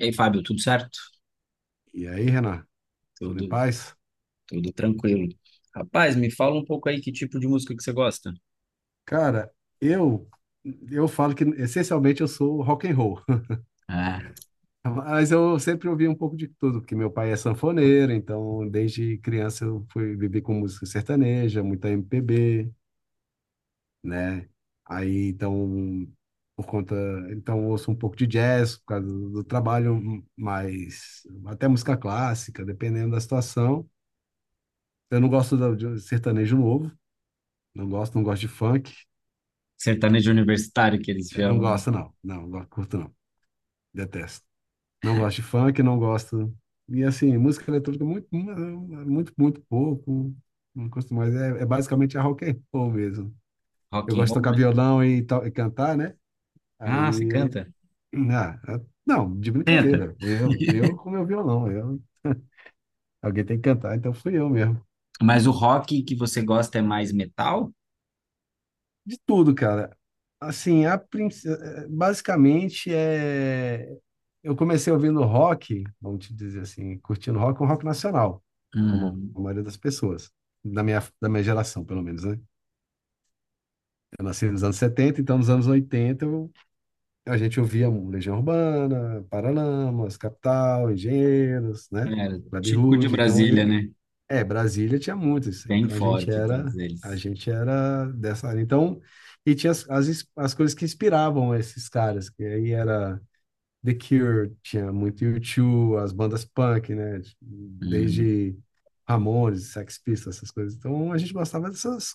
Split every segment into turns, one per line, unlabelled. E aí, Fábio, tudo certo?
E aí, Renan, tudo em
Tudo,
paz?
tudo tranquilo. Rapaz, me fala um pouco aí que tipo de música que você gosta?
Cara, eu eu falo que essencialmente eu sou rock and roll,
Ah,
mas eu sempre ouvi um pouco de tudo, porque meu pai é sanfoneiro, então desde criança eu fui viver com música sertaneja, muita MPB, né? Aí então por conta, então eu ouço um pouco de jazz por causa do trabalho, mas até música clássica, dependendo da situação. Eu não gosto de sertanejo novo, não gosto, não gosto de funk.
sertanejo universitário que eles
É, não
chamam
gosto, não. Não, não curto, não. Detesto. Não gosto de funk, não gosto. E assim, música eletrônica muito, muito, muito pouco. Não gosto mais. É basicamente a rock and roll mesmo.
rock
Eu
and
gosto de
roll.
tocar
Né?
violão e cantar, né?
Ah, você
Aí eu.
canta?
Ah, não, de
Tenta.
brincadeira. Eu com meu violão. Eu, alguém tem que cantar, então fui eu mesmo.
Mas o rock que você gosta é mais metal?
De tudo, cara. Assim, a princ- eh, eh, basicamente é. Eu comecei ouvindo rock, vamos te dizer assim, curtindo rock, um rock nacional, como
Uhum.
a maioria das pessoas, da minha geração, pelo menos, né? Eu nasci nos anos 70, então nos anos 80 a gente ouvia um Legião Urbana, Paralamas, Capital, Engenheiros, né?
É,
Clube
típico de
Rude. Então
Brasília,
eu,
né?
é, Brasília tinha muito isso aí.
Bem
Então a gente
forte, todos
era, a
eles.
gente era dessa área. Então, e tinha as coisas que inspiravam esses caras, que aí era The Cure, tinha muito U2, as bandas punk, né?
Uhum.
Desde Ramones, Sex Pistols, essas coisas. Então a gente gostava dessas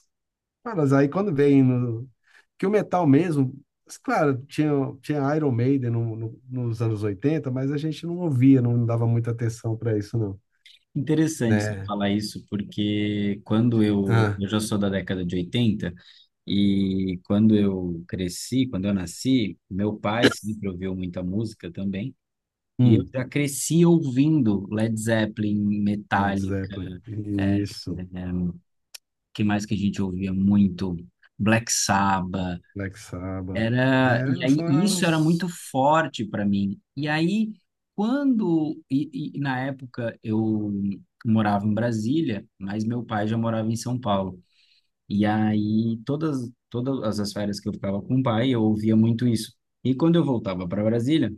caras. Aí quando vem no que o metal mesmo, mas, claro, tinha Iron Maiden nos anos 80, mas a gente não ouvia, não dava muita atenção para isso, não,
Interessante você
né?
falar isso, porque quando eu,
Ah,
eu já sou da década de 80 e quando eu cresci, quando eu nasci, meu pai sempre ouviu muita música também, e eu
hum.
já cresci ouvindo Led Zeppelin,
Led
Metallica,
Zeppelin.
é, é,
Isso.
que mais que a gente ouvia muito? Black Sabbath,
Black Sabbath.
era, e
É,
aí
só
isso era
as.
muito forte para mim. E aí quando e na época eu morava em Brasília, mas meu pai já morava em São Paulo. E aí todas as férias que eu ficava com o pai, eu ouvia muito isso. E quando eu voltava para Brasília,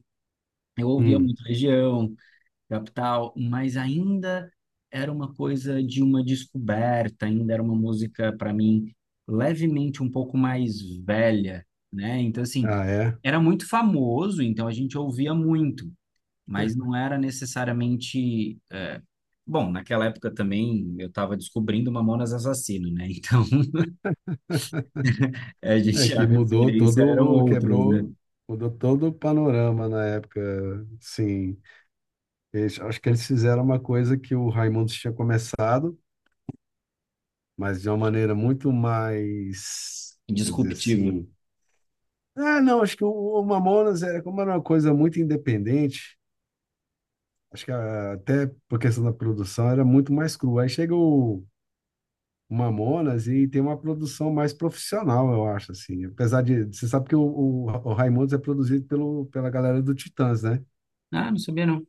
eu ouvia
Hum.
muito Legião, Capital, mas ainda era uma coisa de uma descoberta, ainda era uma música para mim levemente um pouco mais velha, né? Então assim,
Ah, é?
era muito famoso, então a gente ouvia muito, mas não era necessariamente, bom, naquela época também eu estava descobrindo Mamonas Assassino, né? Então a
É
gente a
que mudou
referência eram
todo,
outras, né?
quebrou, mudou todo o panorama na época. Sim, eles, acho que eles fizeram uma coisa que o Raimundos tinha começado, mas de uma maneira muito mais, vou dizer
Disruptiva.
assim. Ah, não, acho que o Mamonas era como era uma coisa muito independente. Acho que até por questão da produção era muito mais crua. Aí chega o Mamonas e tem uma produção mais profissional, eu acho, assim. Apesar de, você sabe que o Raimundos é produzido pela galera do Titãs, né?
Ah, não sabia não.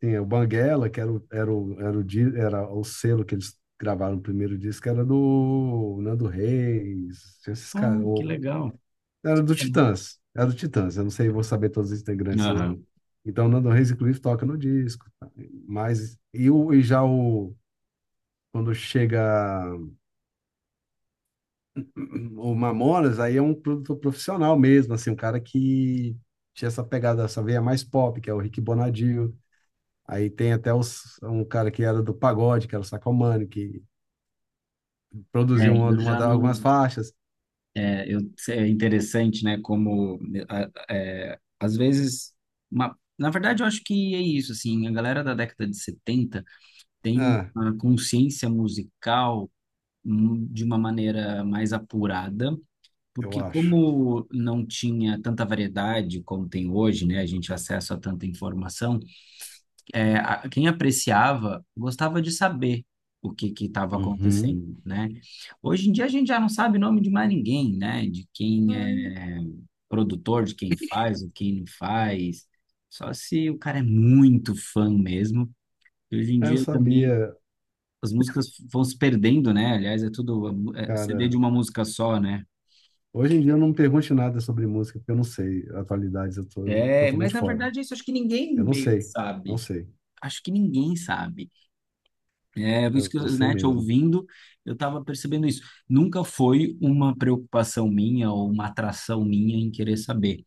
Tem o Banguela, que era o, era o, era o, di- era o selo que eles gravaram o primeiro disco, era do Nando Reis, tinha esses
Ah,
caras,
que legal.
era do
Sabia não.
Titãs, era do Titãs, eu não sei, vou saber todos os integrantes, não.
Aham.
Então, o Nando Reis, inclusive, toca no disco, tá? mas, e, o, e já o, quando chega o Mamonas aí é um produtor profissional mesmo, assim, um cara que tinha essa pegada, essa veia mais pop, que é o Rick Bonadio. Aí tem até um cara que era do pagode, que era o Sacomani, que
É,
produziu
eu já
algumas
não.
faixas.
É, eu, é interessante, né? Como é, às vezes, na verdade, eu acho que é isso, assim, a galera da década de 70 tem
Ah,
uma consciência musical de uma maneira mais apurada,
eu
porque
acho.
como não tinha tanta variedade como tem hoje, né? A gente acessa a tanta informação, é, a- quem apreciava gostava de saber o que que estava
Uhum.
acontecendo, né? Hoje em dia a gente já não sabe o nome de mais ninguém, né? De quem
Aí,
é produtor, de quem faz, o quem não faz. Só se o cara é muito fã mesmo. E hoje em
aí eu
dia também
sabia,
as músicas vão se perdendo, né? Aliás, é tudo é CD de
cara.
uma música só, né?
Hoje em dia eu não me pergunte nada sobre música, porque eu não sei. Atualidades eu tô
É, mas
totalmente
na
fora.
verdade isso acho que ninguém
Eu não
meio que
sei, não
sabe.
sei.
Acho que ninguém sabe. É, isso
Eu
que,
não
eu,
sei
né, te
mesmo.
ouvindo, eu estava percebendo isso. Nunca foi uma preocupação minha ou uma atração minha em querer saber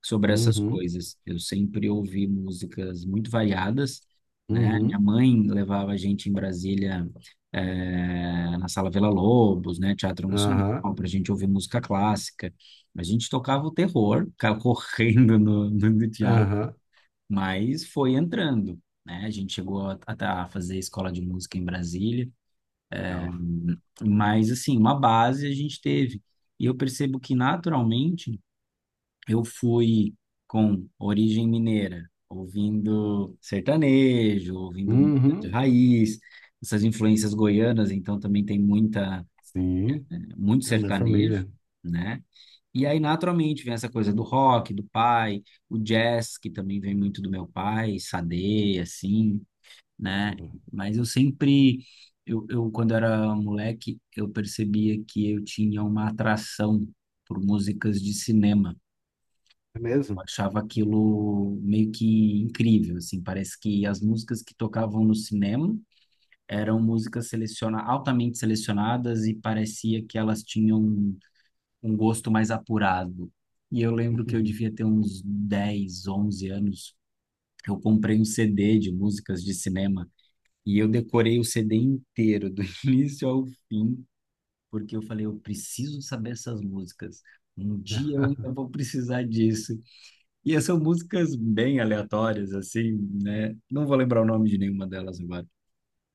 sobre essas
Uhum,
coisas. Eu sempre ouvi músicas muito variadas, né?
uhum,
Minha mãe levava a gente em Brasília, na Sala Vila lobos né, Teatro Nacional,
aham,
para a gente ouvir música clássica. A gente tocava o terror, ficava correndo no teatro,
aham.
mas foi entrando. Né? A gente chegou a fazer escola de música em Brasília,
Legal.
mas, assim, uma base a gente teve. E eu percebo que, naturalmente, eu fui com origem mineira, ouvindo sertanejo, ouvindo música de
Uhum,
raiz, essas influências goianas, então também tem muita,
sim,
muito
é da
sertanejo,
família.
né? E aí, naturalmente, vem essa coisa do rock, do pai, o jazz, que também vem muito do meu pai, Sade, assim né?
Uhum.
Mas eu sempre, eu quando era moleque, eu percebia que eu tinha uma atração por músicas de cinema.
É
Eu
mesmo?
achava aquilo meio que incrível, assim, parece que as músicas que tocavam no cinema eram músicas seleciona altamente selecionadas e parecia que elas tinham um gosto mais apurado. E eu lembro que eu devia ter uns 10 11 anos. Eu comprei um CD de músicas de cinema e eu decorei o CD inteiro, do início ao fim, porque eu falei, eu preciso saber essas músicas. Um dia eu ainda vou precisar disso. E são músicas bem aleatórias, assim, né? Não vou lembrar o nome de nenhuma delas agora.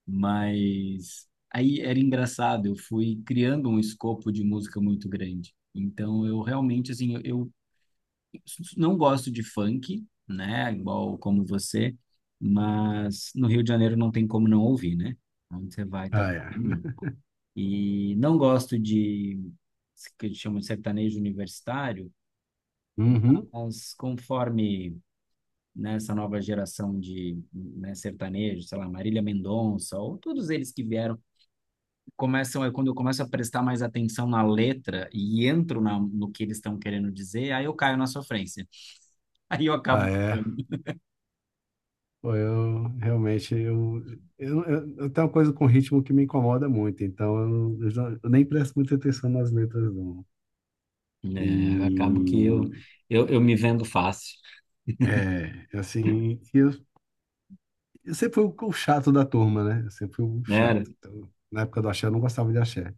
Mas aí era engraçado, eu fui criando um escopo de música muito grande. Então eu realmente, assim, eu, não gosto de funk, né? Igual como você, mas no Rio de Janeiro não tem como não ouvir, né? Onde você vai, tá
Ah,
todo
é.
mundo. E não gosto de que eles chamam de sertanejo universitário,
Uhum.
mas conforme nessa nova geração de né, sertanejo, sei lá, Marília Mendonça, ou todos eles que vieram, começam, aí quando eu começo a prestar mais atenção na letra e entro na, no que eles estão querendo dizer, aí eu caio na sofrência. Aí eu
Ah,
acabo.
é. Pô, eu realmente eu tenho uma coisa com ritmo que me incomoda muito, então eu nem presto muita atenção nas letras, não. E
Né? Acabo que eu, me vendo fácil,
é assim, e eu sempre fui o chato da turma, né? Eu sempre fui o
né?
chato. Então, na época do axé, eu não gostava de axé.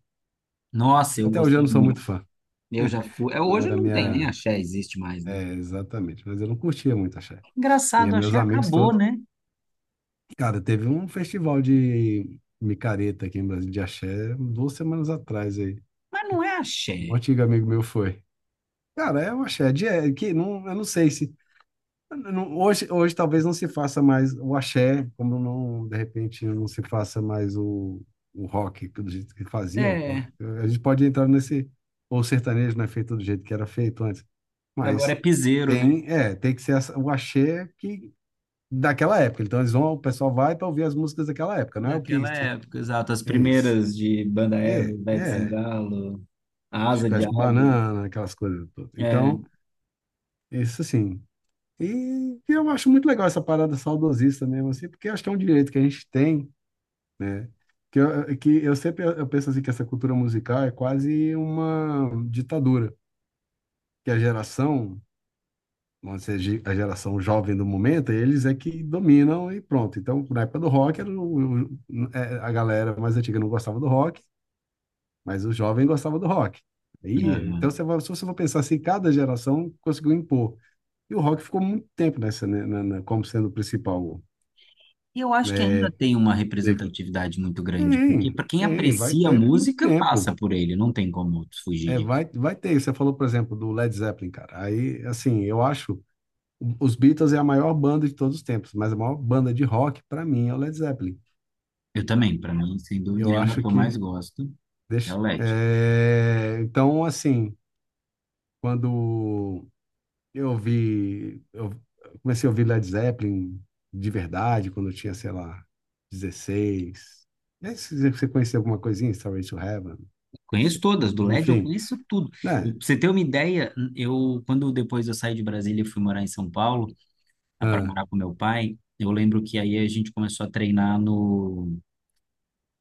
Nossa,
E
eu
até hoje eu
gostei
não sou muito
muito.
fã.
Eu já fui. É,
Não
hoje
era
não tem nem
minha.
axé, existe mais, né?
É, exatamente, mas eu não curtia muito axé. E
Engraçado,
meus
axé
amigos
acabou,
todos.
né?
Cara, teve um festival de micareta aqui em Brasília de axé 2 semanas atrás aí.
Mas não é
Um
axé.
antigo amigo meu foi. Cara, é o axé de é, que não, eu não sei se hoje talvez não se faça mais o axé, como não de repente não se faça mais o rock do jeito que fazia.
É,
A gente pode entrar nesse ou o sertanejo não é feito do jeito que era feito antes,
agora é
mas
piseiro, né?
tem que ser o axé que daquela época. Então eles vão, o pessoal vai para ouvir as músicas daquela época, não é o que
Daquela época, exato. As
isso.
primeiras de Banda Eva,
É,
Ivete de
é,
Sangalo,
acho
Asa
que
de
acho que
Águia.
banana, aquelas coisas todas. Então,
É.
isso assim. E eu acho muito legal essa parada saudosista mesmo assim, porque acho que é um direito que a gente tem, né? Que eu sempre eu penso assim que essa cultura musical é quase uma ditadura, que a geração vamos dizer, a geração jovem do momento, eles é que dominam e pronto. Então, na época do rock, era o- é, a galera mais antiga não gostava do rock, mas o jovem gostava do rock. Aí, então,
Aham.
você se você for pensar assim, cada geração conseguiu impor. E o rock ficou muito tempo nessa, né, como sendo o principal
Eu acho que ainda
é,
tem uma
veículo.
representatividade muito grande, porque
Tem,
para quem
tem, vai
aprecia a
ter muito
música, passa
tempo.
por ele, não tem como
É,
fugir.
vai ter. Você falou, por exemplo, do Led Zeppelin, cara. Aí, assim, eu acho Os Beatles é a maior banda de todos os tempos, mas a maior banda de rock, para mim, é o Led Zeppelin.
Eu também, para mim, sem dúvida
Eu
nenhuma, a
acho
que eu mais
que.
gosto é o
Deixa,
LED.
é, então, assim, quando eu vi. Eu comecei a ouvir Led Zeppelin de verdade, quando eu tinha, sei lá, 16. E aí, se você conhecia alguma coisinha, Starway to Heaven?
Conheço
se-
todas, do LED eu
Enfim,
conheço tudo.
né?
Pra você ter uma ideia, eu quando depois eu saí de Brasília e fui morar em São Paulo, para
Ah,
morar com meu pai, eu lembro que aí a gente começou a treinar no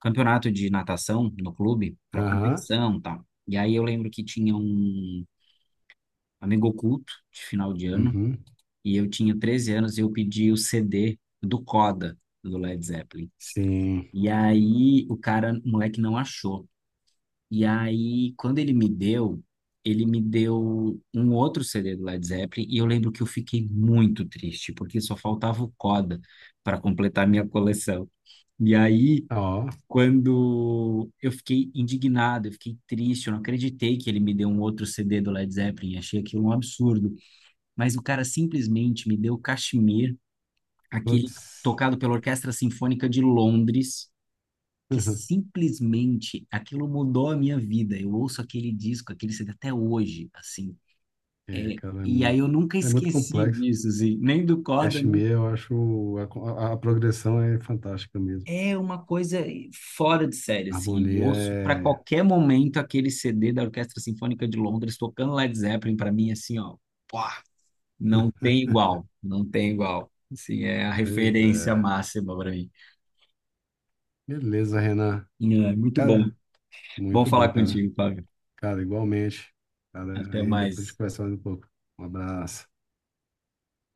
campeonato de natação no clube, para
aham,
competição, e tal. E aí eu lembro que tinha um amigo oculto de final de ano,
uhum,
e eu tinha 13 anos e eu pedi o CD do Coda do Led Zeppelin.
sim.
E aí o cara, o moleque não achou. E aí, quando ele me deu um outro CD do Led Zeppelin e eu lembro que eu fiquei muito triste, porque só faltava o Coda para completar a minha coleção. E aí,
Ó,
quando eu fiquei indignado, eu fiquei triste, eu não acreditei que ele me deu um outro CD do Led Zeppelin, achei aquilo um absurdo. Mas o cara simplesmente me deu Kashmir, aquele
putz.
tocado pela Orquestra Sinfônica de Londres que simplesmente aquilo mudou a minha vida. Eu ouço aquele disco, aquele CD até hoje, assim.
É, cara,
E aí eu nunca
é muito
esqueci
complexo.
disso, assim, nem do Coda, nem...
Cashmere, eu acho a progressão é fantástica mesmo.
É uma coisa fora de série, assim. Eu
Harmonia
ouço para
é.
qualquer momento aquele CD da Orquestra Sinfônica de Londres tocando Led Zeppelin para mim, assim, ó, pô, não tem igual, não tem igual. Assim, é a
Pois
referência
é.
máxima para mim.
Beleza, Renan.
É, muito bom.
Cara,
Bom
muito bom,
falar
cara.
contigo, Fábio.
Cara, igualmente. Cara,
Até
aí depois a gente
mais.
conversa mais um pouco. Um abraço.